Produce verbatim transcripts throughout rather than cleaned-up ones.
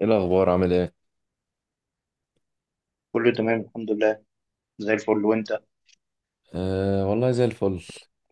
ايه الاخبار، عامل ايه؟ كله تمام الحمد لله. زي الفل وانت؟ أه والله زي الفل.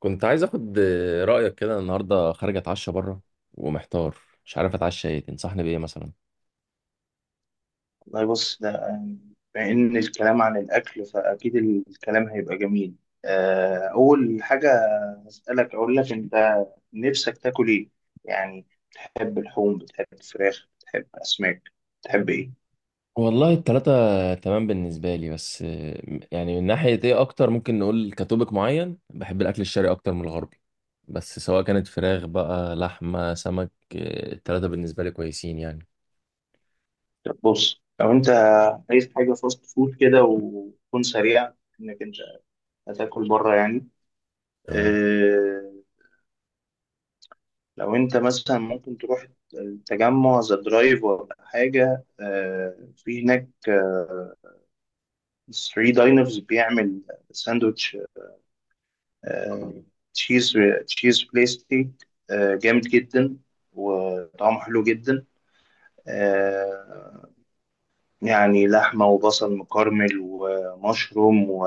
كنت عايز اخد آه، رايك كده، النهارده خارج اتعشى بره ومحتار، مش عارف اتعشى ايه، تنصحني بايه مثلا؟ والله بص ده، بما ان الكلام عن الاكل فاكيد الكلام هيبقى جميل. آه، اول حاجه هسالك اقول لك انت نفسك تاكل ايه؟ يعني بتحب لحوم؟ بتحب فراخ؟ بتحب اسماك؟ بتحب ايه؟ والله التلاتة تمام بالنسبة لي، بس آه، يعني من ناحية ايه اكتر، ممكن نقول كتوبك معين بحب الاكل الشرقي اكتر من الغربي. بس سواء كانت فراخ بقى، لحمة، سمك، آه، التلاتة بالنسبة لي كويسين يعني. طب بص، لو انت عايز حاجه فاست فود كده وتكون سريعه انك انت هتاكل بره يعني، تمام. آه، لو انت مثلا ممكن تروح تجمع ذا درايف ولا حاجة آه، في هناك ثري داينرز بيعمل ساندوتش آه، تشيز. تشيز بلاستيك آه، جامد جدا وطعمه حلو جدا. آه، يعني لحمة وبصل مكرمل ومشروم و-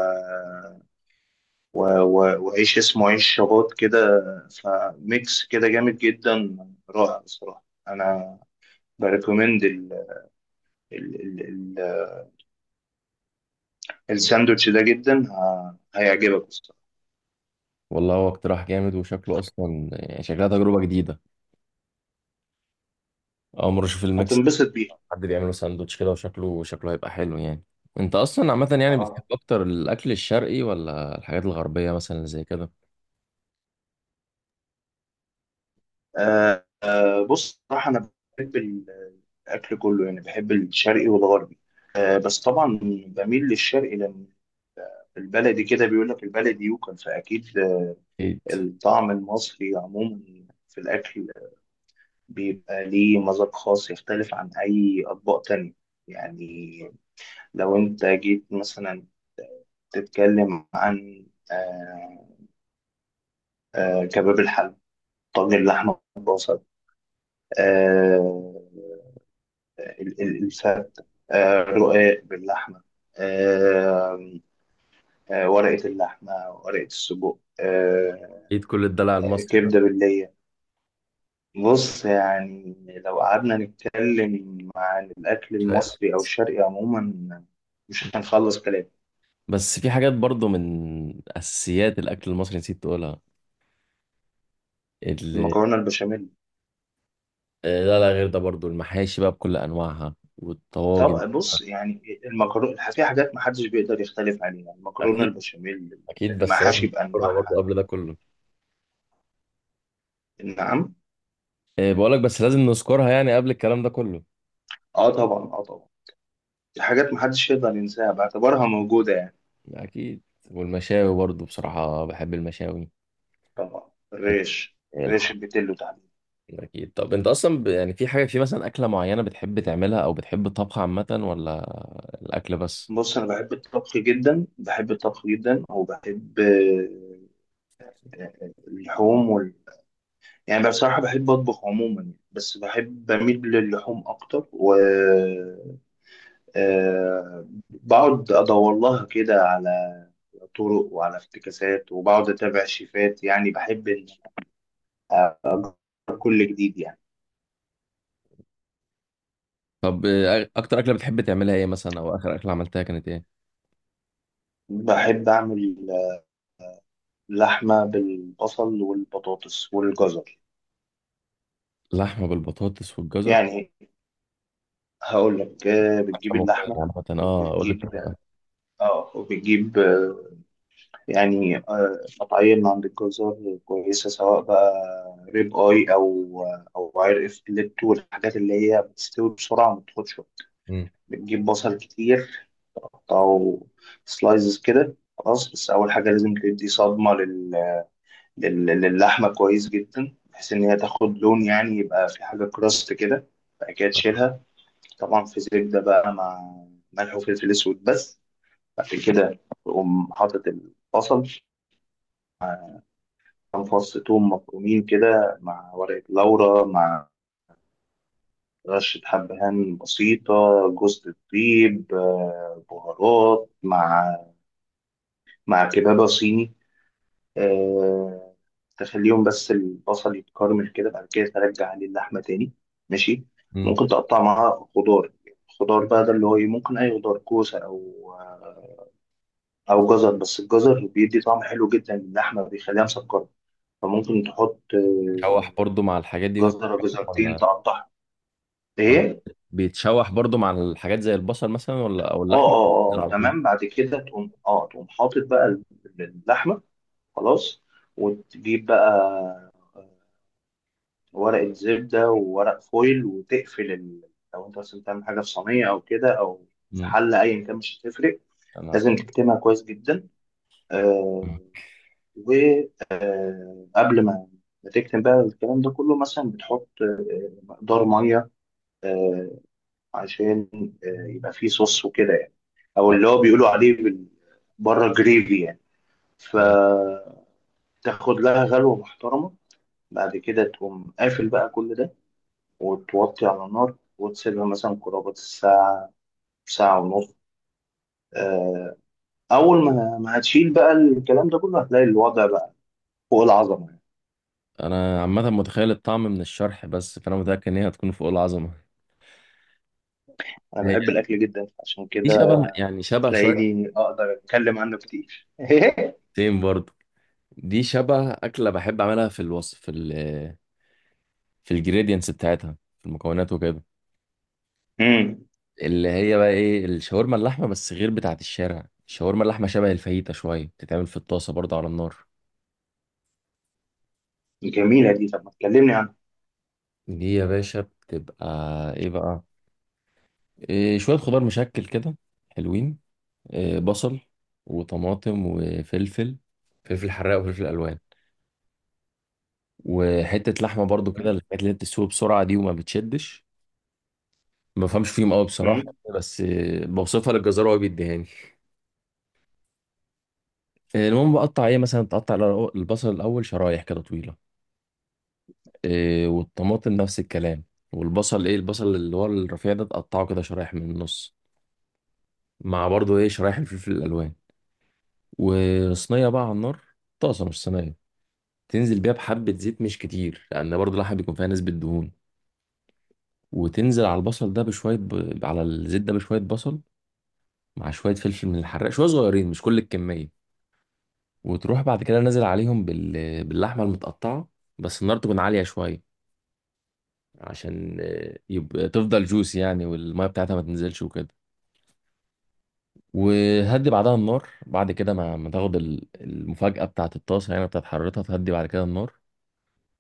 و- و- وعيش اسمه عيش شباط كده، فميكس كده جامد جدا، رائع بصراحة. أنا بريكومند الساندوتش ده جدا، ه- هيعجبك الصراحة، والله هو اقتراح جامد، وشكله اصلا يعني شكلها تجربة جديدة، اول مرة اشوف الميكس. هتنبسط بيه. حد بيعمله ساندوتش كده، وشكله شكله هيبقى حلو يعني. انت اصلا عامه يعني بتحب اه، اكتر الاكل الشرقي ولا الحاجات الغربيه مثلا اللي زي كده؟ آه، آه، بص صراحة أنا بحب ال- الأكل كله، يعني بحب الشرقي والغربي. آه، بس طبعا بميل للشرقي لأن البلدي كده، بيقول لك البلدي يوكل فأكيد. آه، اكيد. الطعم المصري عموما في الأكل بيبقى ليه مذاق خاص يختلف عن أي أطباق تانية. يعني لو أنت جيت مثلا تتكلم عن آه، آه، كباب الحل، طاجن اللحمة بالبصل، آه، ال- ال- الفتة، آه، رقاق باللحمة، آه، آه، ورقة اللحمة، ورقة السجق، آه، اكيد كل الدلع المصري ده. كبدة باللية. بص يعني لو قعدنا نتكلم عن الأكل مش هيخلص. المصري أو الشرقي عموما مش هنخلص كلام. بس في حاجات برضو من اساسيات الاكل المصري نسيت تقولها، اللي المكرونة البشاميل. آه، لا، لا، غير ده برضو المحاشي بقى بكل انواعها والطواجن. طب بص يعني المكرونة في حاجات محدش بيقدر يختلف عليها، المكرونة اكيد. البشاميل، اكيد، بس لازم المحاشي نذكرها برضو بأنواعها. قبل ده كله. نعم. آه، بقولك بس لازم نذكرها يعني قبل الكلام ده كله. اه طبعا، اه طبعا، دي حاجات محدش يقدر ينساها، بعتبرها موجودة يعني. اكيد، والمشاوي برضو بصراحه بحب المشاوي. طبعا الريش، الريش الحمام. البيتلو تحديدا. اكيد. طب انت اصلا ب... يعني في حاجه، في مثلا اكله معينه بتحب تعملها، او بتحب الطبخ عامه، ولا الاكل بس؟ بص أنا بحب الطبخ جدا، بحب الطبخ جدا، وبحب آه، اللحوم وال... يعني بصراحة بحب أطبخ عموما يعني. بس بحب، بميل للحوم أكتر، و آه، بقعد أدور لها كده على طرق وعلى افتكاسات، وبقعد أتابع شيفات، يعني بحب إن أجرب كل جديد يعني. طب آه، اكتر اكله بتحب تعملها ايه مثلا، او اخر اكله عملتها كانت ايه؟ بحب أعمل لحمة بالبصل والبطاطس والجزر. لحمه بالبطاطس والجزر؟ يعني هقول لك، آه، بتجيب اكله مغريه اللحمة عامه، اه قول لي وبتجيب، بتعمل. اه، وبتجيب آه، يعني آه، قطعية من عند الجزار كويسة، سواء بقى ريب اي او آه، او عرق فيليتو والحاجات اللي هي بتستوي بسرعة وما بتاخدش وقت. مم. بتجيب بصل كتير، تقطعه سلايزز كده، خلاص. بس أول حاجة لازم تدي صدمة لل لل- للحمة كويس جدا، بحيث إن هي تاخد لون، يعني يبقى في حاجة كراست كده. بعد كده تشيلها. طبعا في زبدة بقى مع ملح وفلفل أسود بس. بعد كده تقوم حاطط البصل، كام فص توم مفرومين كده، مع ورقة لورا، مع رشة حبهان بسيطة، جوز الطيب، آه، بهارات، مع مع كبابة صيني، آه، تخليهم بس البصل يتكرمل كده. بعد كده ترجع عليه اللحمة تاني ماشي. مم. ممكن تقطع معاها خضار، خضار بقى ده اللي هو إيه، ممكن أي خضار، كوسة أو آه، أو جزر، بس الجزر بيدي طعم حلو جدا للحمة، بيخليها مسكرة. فممكن تحط آه، بتتشوح برضو مع الحاجات دي وهي جزرة، بتتشوح، جزرتين، ولا؟ تقطعها. ولا إيه؟ بيتشوح برضو مع الحاجات زي البصل مثلا، ولا او آه اللحم آه آه على طول؟ تمام. بعد كده تقوم، آه، تقوم حاطط بقى اللحمة خلاص، وتجيب بقى ورقة زبدة وورق فويل وتقفل ال... لو انت مثلا بتعمل حاجة في صينية أو كده، أو في مم. حلة أيا كان مش هتفرق، انا. لازم تكتمها كويس جدا. مم. آه، وقبل ما ما تكتم بقى الكلام ده كله، مثلا بتحط مقدار مية، آه، عشان، آه، يبقى فيه صوص وكده يعني، أو آه. اللي هو بيقولوا عليه بال... بره جريفي يعني. مم. فتاخد لها غلوة محترمة. بعد كده تقوم قافل بقى كل ده، وتوطي على نار، وتسيبها مثلا قرابة الساعة، ساعة ونص. آه، أول ما ما هتشيل بقى الكلام ده كله هتلاقي الوضع بقى فوق العظمة يعني. انا عامه متخيل الطعم من الشرح، بس فانا متاكد ان هي هتكون فوق العظمه. أنا بحب الأكل جدا، عشان دي كده شبه يعني شبه شوية. تلاقيني أقدر أتكلم عنه كتير. تيم برضه. دي شبه أكلة بحب أعملها، في الوصف في ال في الجريدينتس بتاعتها، في المكونات وكده، امم اللي هي بقى إيه، الشاورما اللحمة، بس غير بتاعة الشارع. الشاورما اللحمة شبه الفاهيتا شوية، بتتعمل في الطاسة برضه على النار. جميلة دي، طب ما تكلمني عنها. دي يا باشا بتبقى إيه بقى، إيه، شوية خضار مشكل كده حلوين، إيه، بصل وطماطم وفلفل، فلفل حراق وفلفل ألوان، وحتة لحمة برضو كده، تمام. الحاجات اللي بتسوي بسرعة دي وما بتشدش. ما بفهمش فيهم قوي بصراحه، امم بس آه، بوصفها للجزار وهو بيديهاني. آه، المهم بقطع ايه، مثلا تقطع الأرو- البصل الاول شرايح كده طويله. آه، والطماطم نفس الكلام. والبصل، ايه، البصل اللي هو الرفيع ده تقطعه كده شرايح من النص، مع برضه ايه شرايح الفلفل الالوان. وصينيه بقى على النار، طاسه مش صينيه، تنزل بيها بحبه زيت مش كتير لان برضه اللحمه بيكون فيها نسبه دهون. وتنزل على البصل ده بشويه ب... على الزيت ده بشويه بصل، مع شويه فلفل من الحراق، شويه صغيرين مش كل الكميه. وتروح بعد كده نازل عليهم بال... باللحمة المتقطعة. بس النار تكون عالية شوية، عشان آه، يبقى تفضل جوس يعني، والمية بتاعتها ما تنزلش وكده. وهدي بعدها النار بعد كده، ما, ما تاخد ال- المفاجأة بتاعت الطاسة يعني، بتاعت حرارتها، تهدي بعد كده النار.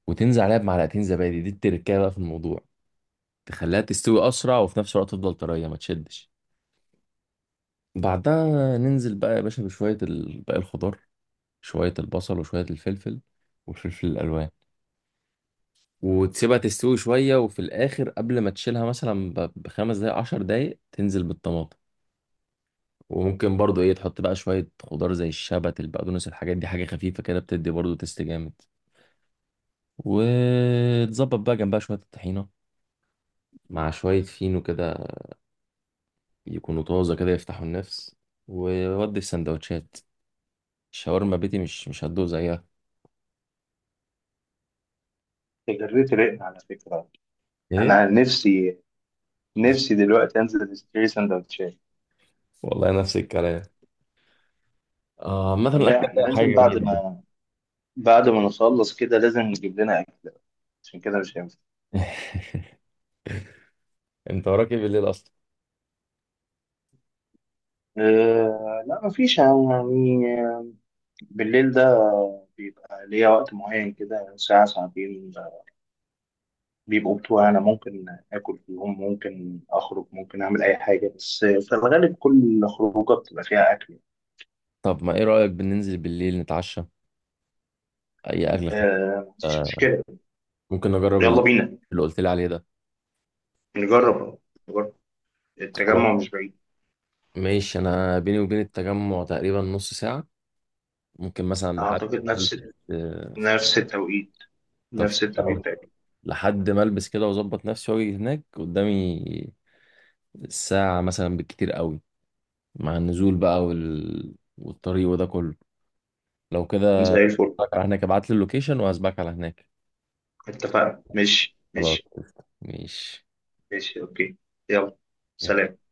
وتنزل عليها بمعلقتين زبادي، دي التركية بقى في الموضوع، تخليها تستوي أسرع وفي نفس الوقت تفضل طرية ما تشدش. بعدها ننزل بقى يا باشا بشوية ال- باقي الخضار، شوية البصل وشوية الفلفل والفلفل الألوان. وتسيبها تستوي شوية، وفي الآخر قبل ما تشيلها مثلا ب- بخمس دقايق عشر دقايق، تنزل بالطماطم. وممكن برضو ايه تحط بقى شوية خضار زي الشبت، البقدونس، الحاجات دي حاجة خفيفة كده بتدي برضو تست جامد. وتظبط بقى جنبها شوية الطحينة مع شوية فينو كده، يكونوا طازة كده يفتحوا النفس. وودي في سندوتشات الشاورما بيتي، مش مش هتدوق زيها. جريت رقنا على فكرة. ايه؟ أنا نفسي، نفسي دلوقتي أنزل أشتري سندوتشات. والله نفس الكلام. اه مثلا لا الاكل ده إحنا حاجة لازم بعد جميلة ما، بعد ما نخلص كده لازم نجيب لنا أكل، عشان كده مش هينفع. يعني. انت وراك ايه بالليل اصلا؟ أه لا مفيش يعني، بالليل ده بيبقى ليا وقت معين كده، ساعة ساعتين بيبقوا بتوع أنا، ممكن آكل فيهم، ممكن أخرج، ممكن أعمل أي حاجة، بس في الغالب كل خروجة بتبقى فيها أكل. طب ما ايه رأيك بننزل بالليل نتعشى اي اكل خفيف؟ أه مفيش آه، مشكلة. ممكن اجرب ال- يلا بينا اللي قلت لي عليه ده. نجرب، نجرب، خلاص التجمع مش بعيد. ماشي، انا بيني وبين التجمع تقريبا نص ساعه، ممكن مثلا لحد أعتقد ما نفس، البس. آه، نفس التوقيت، طب، نفس التوقيت أو تقريبا. لحد ما البس كده واظبط نفسي واجي هناك، قدامي الساعه مثلا بالكتير قوي، مع النزول بقى وال... والطريق وده كله، لو كده. زي الفل. أشوفك على هناك، ابعت لي اللوكيشن وهسبقك على هناك. اتفقنا، ماشي خلاص ماشي. قشطة. ماشي. ماشي أوكي. يلا. يلا. سلام.